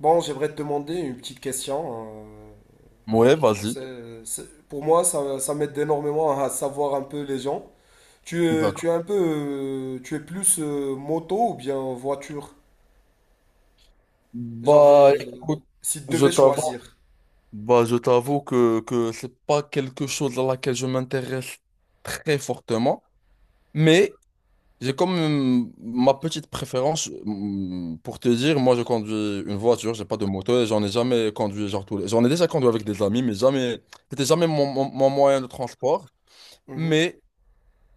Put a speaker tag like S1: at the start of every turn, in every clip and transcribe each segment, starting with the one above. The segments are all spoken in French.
S1: Bon, j'aimerais te demander une petite question.
S2: Ouais, vas-y.
S1: Pour moi, ça m'aide énormément à savoir un peu les gens. Tu
S2: D'accord.
S1: es un peu, tu es plus moto ou bien voiture? Genre,
S2: Bah, écoute,
S1: si tu
S2: je
S1: devais
S2: t'avoue,
S1: choisir.
S2: bah, je t'avoue que c'est pas quelque chose à laquelle je m'intéresse très fortement, mais j'ai quand même ma petite préférence. Pour te dire, moi, je conduis une voiture, j'ai pas de moto et j'en ai jamais conduit, genre tous les... J'en ai déjà conduit avec des amis, mais jamais, c'était jamais mon moyen de transport,
S1: Mhm,
S2: mais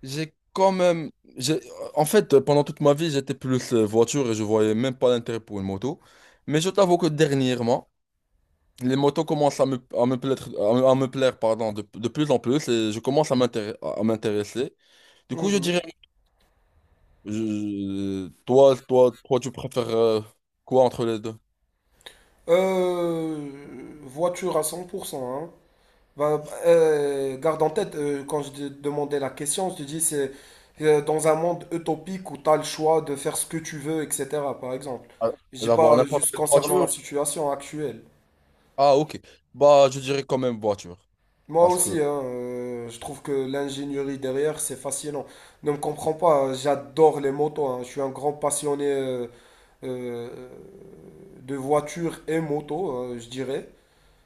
S2: j'ai quand même. j'ai- En fait, pendant toute ma vie, j'étais plus voiture et je voyais même pas l'intérêt pour une moto. Mais je t'avoue que dernièrement, les motos commencent à me plaire, à me plaire, pardon, de plus en plus et je commence à m'intéresser. À m'intéresser. Du coup, je
S1: mhm.
S2: dirais. Toi, tu préfères quoi entre les deux?
S1: Voiture à 100%, hein. Bah, garde en tête, quand je te demandais la question, je te dis c'est, dans un monde utopique où tu as le choix de faire ce que tu veux, etc. Par exemple.
S2: Ah,
S1: Je dis
S2: d'avoir
S1: pas,
S2: n'importe
S1: juste
S2: quelle
S1: concernant la
S2: voiture?
S1: situation actuelle.
S2: Ah, ok. Bah, je dirais quand même voiture.
S1: Moi
S2: Parce que.
S1: aussi, hein, je trouve que l'ingénierie derrière, c'est fascinant. Ne me comprends pas, hein, j'adore les motos, hein. Je suis un grand passionné euh, de voitures et motos, je dirais.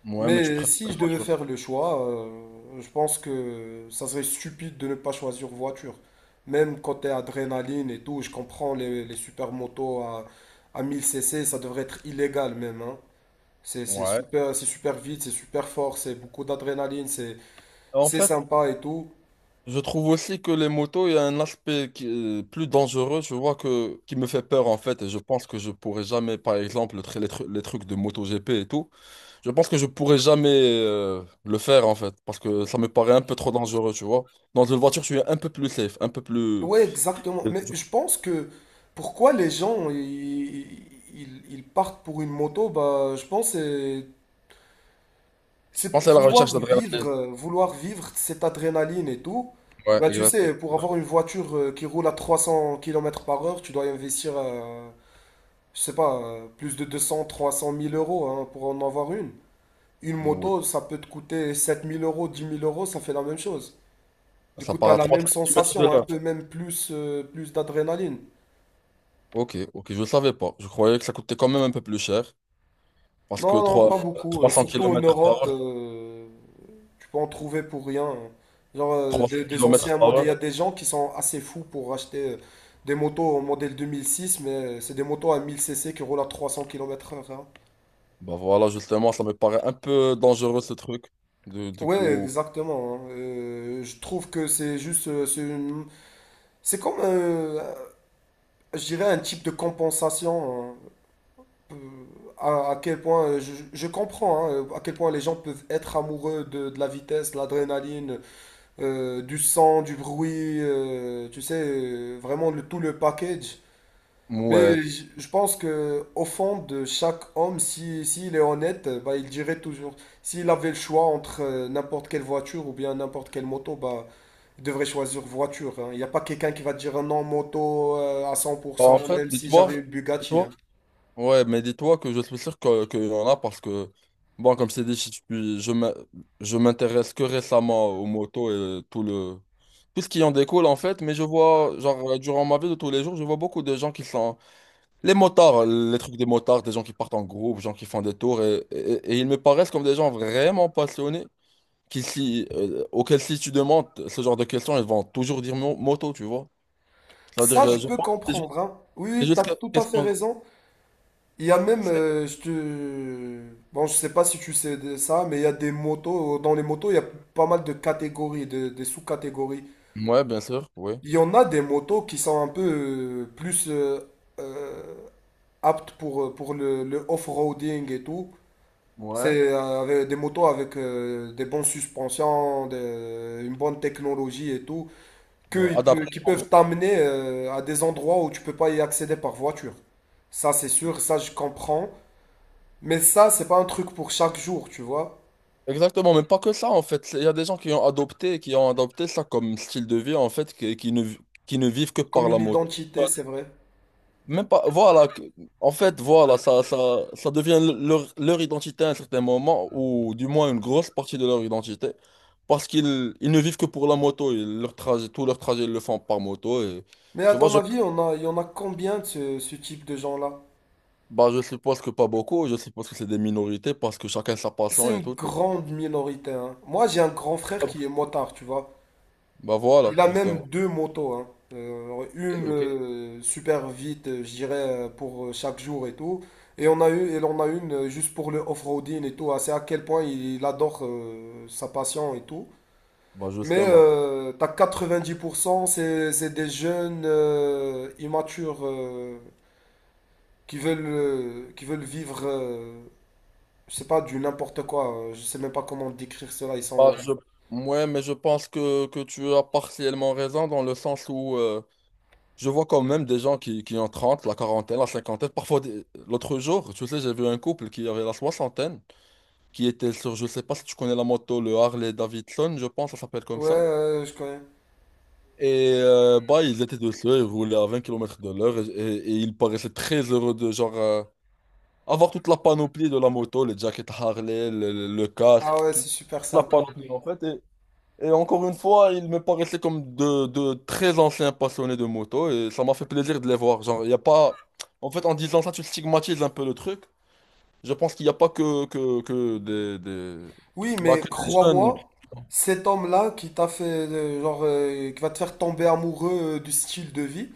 S2: Ouais, mais tu
S1: Mais
S2: préfères
S1: si
S2: les
S1: je devais
S2: voitures.
S1: faire le choix, je pense que ça serait stupide de ne pas choisir voiture. Même côté adrénaline et tout, je comprends les supermotos à 1000 cc, ça devrait être illégal même, hein. C'est
S2: Ouais.
S1: super, c'est super vite, c'est super fort, c'est beaucoup d'adrénaline, c'est,
S2: En
S1: c'est
S2: fait,
S1: sympa et tout.
S2: je trouve aussi que les motos, il y a un aspect qui est plus dangereux, je vois que qui me fait peur en fait, et je pense que je pourrais jamais, par exemple, le tr- les, tru- les trucs de MotoGP et tout, je pense que je pourrais jamais le faire en fait, parce que ça me paraît un peu trop dangereux, tu vois. Dans une voiture, je suis un peu plus safe, un peu plus.
S1: Ouais, exactement.
S2: Je,
S1: Mais je pense que pourquoi les gens ils partent pour une moto, bah, je pense que c'est
S2: je
S1: C'est
S2: pense
S1: pour
S2: à la recherche
S1: vouloir vivre,
S2: d'adrénaline.
S1: euh, vouloir vivre cette adrénaline et tout.
S2: Ouais,
S1: Bah, tu
S2: exact.
S1: sais, pour avoir une voiture, qui roule à 300 km par heure, tu dois y investir, je sais pas, plus de 200, 300 000 euros, hein, pour en avoir une. Une
S2: Oui.
S1: moto, ça peut te coûter 7 000 euros, 10 000 euros, ça fait la même chose. Du
S2: Ça
S1: coup,
S2: part
S1: t'as
S2: à
S1: la même
S2: 300 kilomètres de
S1: sensation, un
S2: là.
S1: peu même plus d'adrénaline.
S2: Ok, ok, je savais pas. Je croyais que ça coûtait quand même un peu plus cher, parce que
S1: Non, non,
S2: 3
S1: pas beaucoup,
S2: 300
S1: surtout en
S2: kilomètres par
S1: Europe.
S2: heure,
S1: Tu peux en trouver pour rien, hein. Genre, euh,
S2: 300
S1: des, des
S2: kilomètres
S1: anciens
S2: par
S1: modèles, il y a
S2: heure.
S1: des gens qui sont assez fous pour acheter, des motos en modèle 2006, mais, c'est des motos à 1000 cc qui roulent à 300 km/h, hein.
S2: Bah voilà, justement, ça me paraît un peu dangereux ce truc. Du, du
S1: Ouais,
S2: coup,
S1: exactement, hein. Je trouve que c'est juste. C'est comme, je dirais, un type de compensation, hein. Euh, à quel point. Je comprends, hein, à quel point les gens peuvent être amoureux de la vitesse, de l'adrénaline, du son, du bruit, tu sais, vraiment tout le package.
S2: ouais.
S1: Mais je pense que au fond de chaque homme, si, s'il est honnête, bah, il dirait toujours, s'il avait le choix entre, n'importe quelle voiture ou bien n'importe quelle moto, bah, il devrait choisir voiture, hein. Il n'y a pas quelqu'un qui va te dire ah non moto, à cent, pour
S2: Bah, en
S1: cent,
S2: fait,
S1: même si j'avais une Bugatti, hein.
S2: dis-toi, ouais, mais dis-toi que je suis sûr qu'il y en a parce que, bon, comme c'est dit, je m'intéresse que récemment aux motos et tout ce qui en découle en fait, mais je vois, genre, durant ma vie de tous les jours, je vois beaucoup de gens qui sont, les motards, les trucs des motards, des gens qui partent en groupe, des gens qui font des tours et ils me paraissent comme des gens vraiment passionnés qui, si, auquel si tu demandes ce genre de questions, ils vont toujours dire moto, tu vois. C'est-à-dire,
S1: Ça, je
S2: je
S1: peux
S2: pense que c'est juste,
S1: comprendre, hein. Oui, tu as tout à fait
S2: question.
S1: raison. Il y a même, bon, je sais pas si tu sais de ça, mais il y a des motos, dans les motos, il y a pas mal de catégories, des sous-catégories.
S2: Ouais, bien sûr, oui.
S1: Il y en a des motos qui sont un peu plus euh, aptes pour, le off-roading et tout.
S2: Ouais.
S1: C'est, avec des motos avec, des bonnes suspensions, une bonne technologie et tout,
S2: Ouais, adapté.
S1: qui peuvent t'amener, à des endroits où tu peux pas y accéder par voiture. Ça, c'est sûr, ça, je comprends. Mais ça, c'est pas un truc pour chaque jour, tu vois.
S2: Exactement, mais pas que ça, en fait. Il y a des gens qui ont adopté ça comme style de vie, en fait, qui ne vivent que
S1: Comme
S2: par la
S1: une
S2: moto.
S1: identité, c'est vrai.
S2: Même pas, voilà, en fait, voilà, ça devient leur identité à un certain moment, ou du moins une grosse partie de leur identité, parce qu'ils ils ne vivent que pour la moto, et leur trajet, tout leur trajet, ils le font par moto, et
S1: Mais à
S2: tu vois,
S1: ton
S2: je,
S1: avis, il y en a combien de ce type de gens-là?
S2: bah, je suppose que pas beaucoup, je suppose que c'est des minorités, parce que chacun sa passion
S1: C'est
S2: et
S1: une
S2: tout, tu vois.
S1: grande minorité, hein. Moi, j'ai un grand frère
S2: Hop.
S1: qui est motard, tu vois.
S2: Bah voilà,
S1: Il a même
S2: justement.
S1: deux motos, hein.
S2: Ok,
S1: Une,
S2: ok.
S1: super vite, je dirais, pour, chaque jour et tout. Et on a une, juste pour le off-roading et tout, hein. C'est à quel point il adore, sa passion et tout.
S2: Bah
S1: Mais,
S2: justement.
S1: t'as 90%, c'est des jeunes, immatures, qui veulent vivre, je sais pas, du n'importe quoi. Je sais même pas comment décrire cela.
S2: Bah, je... Ouais, mais je pense que tu as partiellement raison dans le sens où je vois quand même des gens qui ont 30 la quarantaine, la cinquantaine. Parfois, l'autre jour, tu sais, j'ai vu un couple qui avait la soixantaine, qui était sur, je sais pas si tu connais la moto, le Harley Davidson, je pense, ça s'appelle comme
S1: Ouais,
S2: ça.
S1: je connais.
S2: Et bah, ils étaient dessus, ils roulaient à 20 kilomètres de l'heure et ils paraissaient très heureux de genre avoir toute la panoplie de la moto, les jackets Harley, le casque,
S1: Ah ouais,
S2: toute
S1: c'est super
S2: la
S1: sympa.
S2: panoplie en fait. Et encore une fois, ils me paraissaient comme de très anciens passionnés de moto et ça m'a fait plaisir de les voir. Genre, il y a pas... En fait, en disant ça, tu stigmatises un peu le truc. Je pense qu'il n'y a pas des-
S1: Oui,
S2: bah,
S1: mais
S2: que des jeunes.
S1: crois-moi, cet homme-là qui t'a fait, genre, qui va te faire tomber amoureux, du style de vie,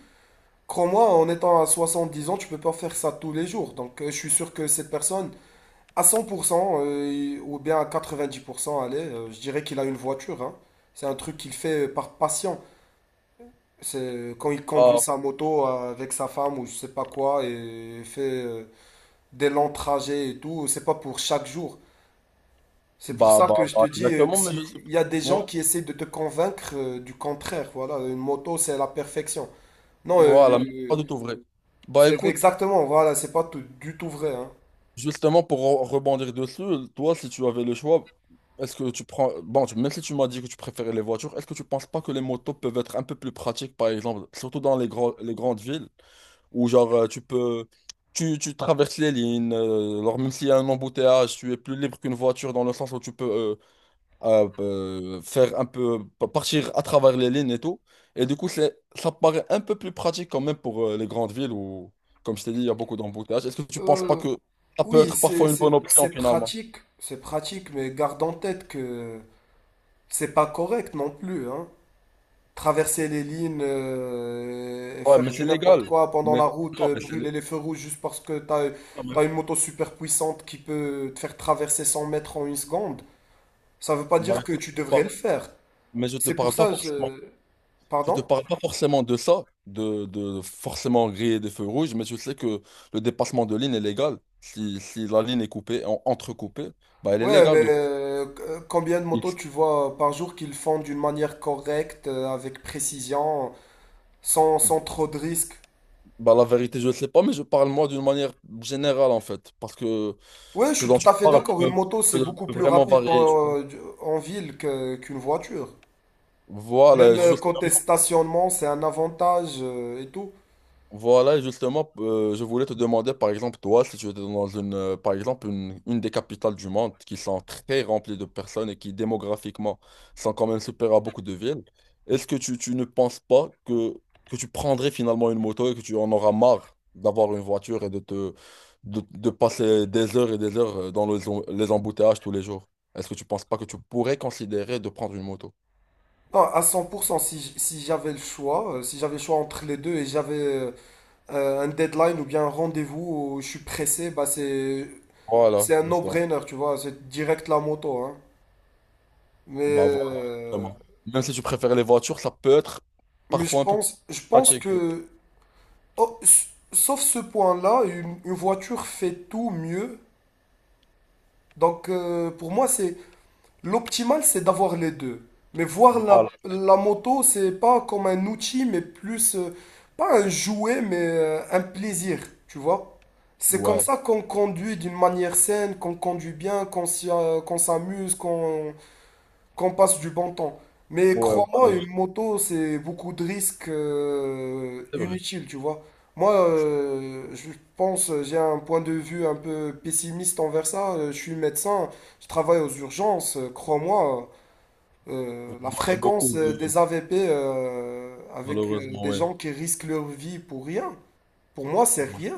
S1: crois-moi, en étant à 70 ans, tu peux pas faire ça tous les jours. Donc, je suis sûr que cette personne... À 100%, ou bien à 90%, allez, je dirais qu'il a une voiture, hein. C'est un truc qu'il fait par passion. C'est, quand il conduit
S2: Bah,
S1: sa moto, avec sa femme ou je sais pas quoi et fait, des longs trajets et tout, c'est pas pour chaque jour. C'est pour
S2: bah,
S1: ça
S2: bah,
S1: que je te
S2: bah,
S1: dis, que
S2: exactement, mais je
S1: s'il
S2: sais pas.
S1: y a des
S2: Ouais,
S1: gens qui essaient de te convaincre, du contraire, voilà, une moto c'est la perfection. Non,
S2: voilà, mais c'est pas du tout vrai. Bah
S1: c'est
S2: écoute,
S1: exactement, voilà, c'est pas du tout vrai, hein.
S2: justement, pour rebondir dessus, toi, si tu avais le choix, est-ce que tu prends... Bon, même si tu m'as dit que tu préférais les voitures, est-ce que tu penses pas que les motos peuvent être un peu plus pratiques, par exemple, surtout dans les grandes villes, où genre tu peux... tu traverses les lignes, alors même s'il y a un embouteillage, tu es plus libre qu'une voiture dans le sens où tu peux à faire un peu partir à travers les lignes et tout. Et du coup, ça paraît un peu plus pratique quand même pour les grandes villes où, comme je t'ai dit, il y a beaucoup d'embouteillages. Est-ce que tu penses pas
S1: Euh,
S2: que ça peut
S1: Oui,
S2: être
S1: c'est
S2: parfois une bonne
S1: c'est-
S2: option
S1: c'est
S2: finalement?
S1: pratique, c'est pratique, mais garde en tête que c'est pas correct non plus, hein. Traverser les lignes, et
S2: Ouais, mais
S1: faire
S2: c'est
S1: du n'importe
S2: légal.
S1: quoi pendant
S2: Mais
S1: la route,
S2: non, mais
S1: brûler les feux rouges juste parce que t'as,
S2: non,
S1: t'as une moto super puissante qui peut te faire traverser 100 mètres en une seconde, ça veut pas
S2: bah,
S1: dire que
S2: écoute,
S1: tu devrais le faire.
S2: mais je te
S1: C'est pour
S2: parle pas
S1: ça,
S2: forcément.
S1: je...
S2: Je te
S1: Pardon?
S2: parle pas forcément de ça, de forcément griller des feux rouges, mais je sais que le dépassement de ligne est légal. Si, si la ligne est coupée, entrecoupée, bah elle est
S1: Ouais,
S2: légale
S1: mais,
S2: du coup.
S1: combien de motos tu vois par jour qu'ils font d'une manière correcte, avec précision? Sans trop de risques.
S2: Bah, la vérité, je ne sais pas, mais je parle moi d'une manière générale en fait, parce que
S1: Ouais, je
S2: ce
S1: suis
S2: dont
S1: tout
S2: tu
S1: à fait
S2: parles
S1: d'accord. Une moto, c'est beaucoup
S2: peut
S1: plus
S2: vraiment
S1: rapide
S2: varier. Tu vois.
S1: en ville qu'une voiture. Même,
S2: Voilà, juste
S1: côté stationnement, c'est un avantage, et tout.
S2: voilà, justement, je voulais te demander, par exemple, toi, si tu étais dans une, par exemple, une des capitales du monde qui sont très remplies de personnes et qui, démographiquement, sont quand même supérieures à beaucoup de villes, est-ce que tu ne penses pas que, que tu prendrais finalement une moto et que tu en auras marre d'avoir une voiture et de de passer des heures et des heures dans les embouteillages tous les jours? Est-ce que tu penses pas que tu pourrais considérer de prendre une moto?
S1: Non, à 100%, si j'avais le choix, entre les deux et j'avais, un deadline ou bien un rendez-vous où je suis pressé, bah c'est,
S2: Voilà,
S1: c'est un
S2: justement.
S1: no-brainer, tu vois. C'est direct la moto, hein. Mais,
S2: Bah voilà,
S1: euh,
S2: vraiment. Même si tu préfères les voitures, ça peut être
S1: mais je
S2: parfois un peu plus
S1: pense, je pense
S2: pratique.
S1: que, oh, sauf ce point-là, une voiture fait tout mieux. Donc, pour moi, c'est l'optimal, c'est d'avoir les deux. Mais voir la,
S2: Voilà.
S1: la moto, c'est pas comme un outil, mais plus, pas un jouet, mais, un plaisir, tu vois. C'est comme
S2: Ouais.
S1: ça qu'on conduit d'une manière saine, qu'on conduit bien, qu'on s'amuse, qu'on passe du bon temps. Mais
S2: Ouais,
S1: crois-moi,
S2: voilà.
S1: une moto, c'est beaucoup de risques,
S2: C'est vrai.
S1: inutiles, tu vois. Moi, j'ai un point de vue un peu pessimiste envers ça. Je suis médecin, je travaille aux urgences. Crois-moi,
S2: Vous
S1: la
S2: voyez
S1: fréquence,
S2: beaucoup de...
S1: des AVP, avec,
S2: Malheureusement,
S1: des
S2: ouais.
S1: gens qui risquent leur vie pour rien, pour moi, c'est rien.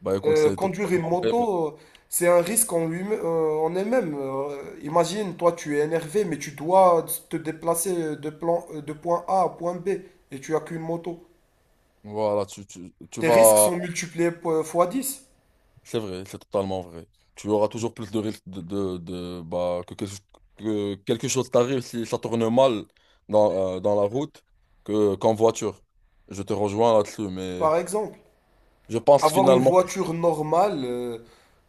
S2: Bah écoute, c'est
S1: Conduire une
S2: totalement vrai, mais
S1: moto, c'est un risque en elle-même. Imagine, toi, tu es énervé, mais tu dois te déplacer de point A à point B et tu as qu'une moto.
S2: voilà, tu
S1: Tes risques
S2: vas...
S1: sont multipliés fois dix,
S2: C'est vrai, c'est totalement vrai. Tu auras toujours plus de risques bah, que quelque chose t'arrive si ça tourne mal dans, dans la route que, qu'en voiture. Je te rejoins là-dessus, mais
S1: par exemple.
S2: je pense
S1: Avoir une
S2: finalement...
S1: voiture normale,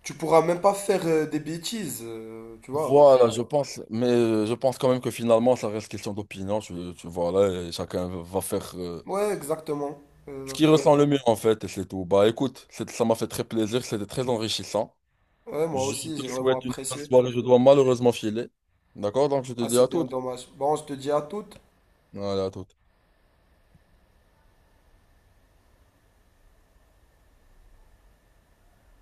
S1: tu pourras même pas faire, des bêtises, tu vois.
S2: Voilà, je pense, mais je pense quand même que finalement, ça reste question d'opinion. Tu vois, là, et chacun va faire
S1: Ouais, exactement.
S2: ce qu'il
S1: Exactement.
S2: ressent le mieux, en fait, et c'est tout. Bah écoute, ça m'a fait très plaisir, c'était très enrichissant.
S1: Ouais, moi
S2: Je
S1: aussi, j'ai
S2: te
S1: vraiment
S2: souhaite une bonne
S1: apprécié.
S2: soirée, je dois malheureusement filer. D'accord? Donc, je te
S1: Ah,
S2: dis à
S1: c'est bien
S2: toutes.
S1: dommage. Bon, je te dis à toutes.
S2: Allez, à toutes.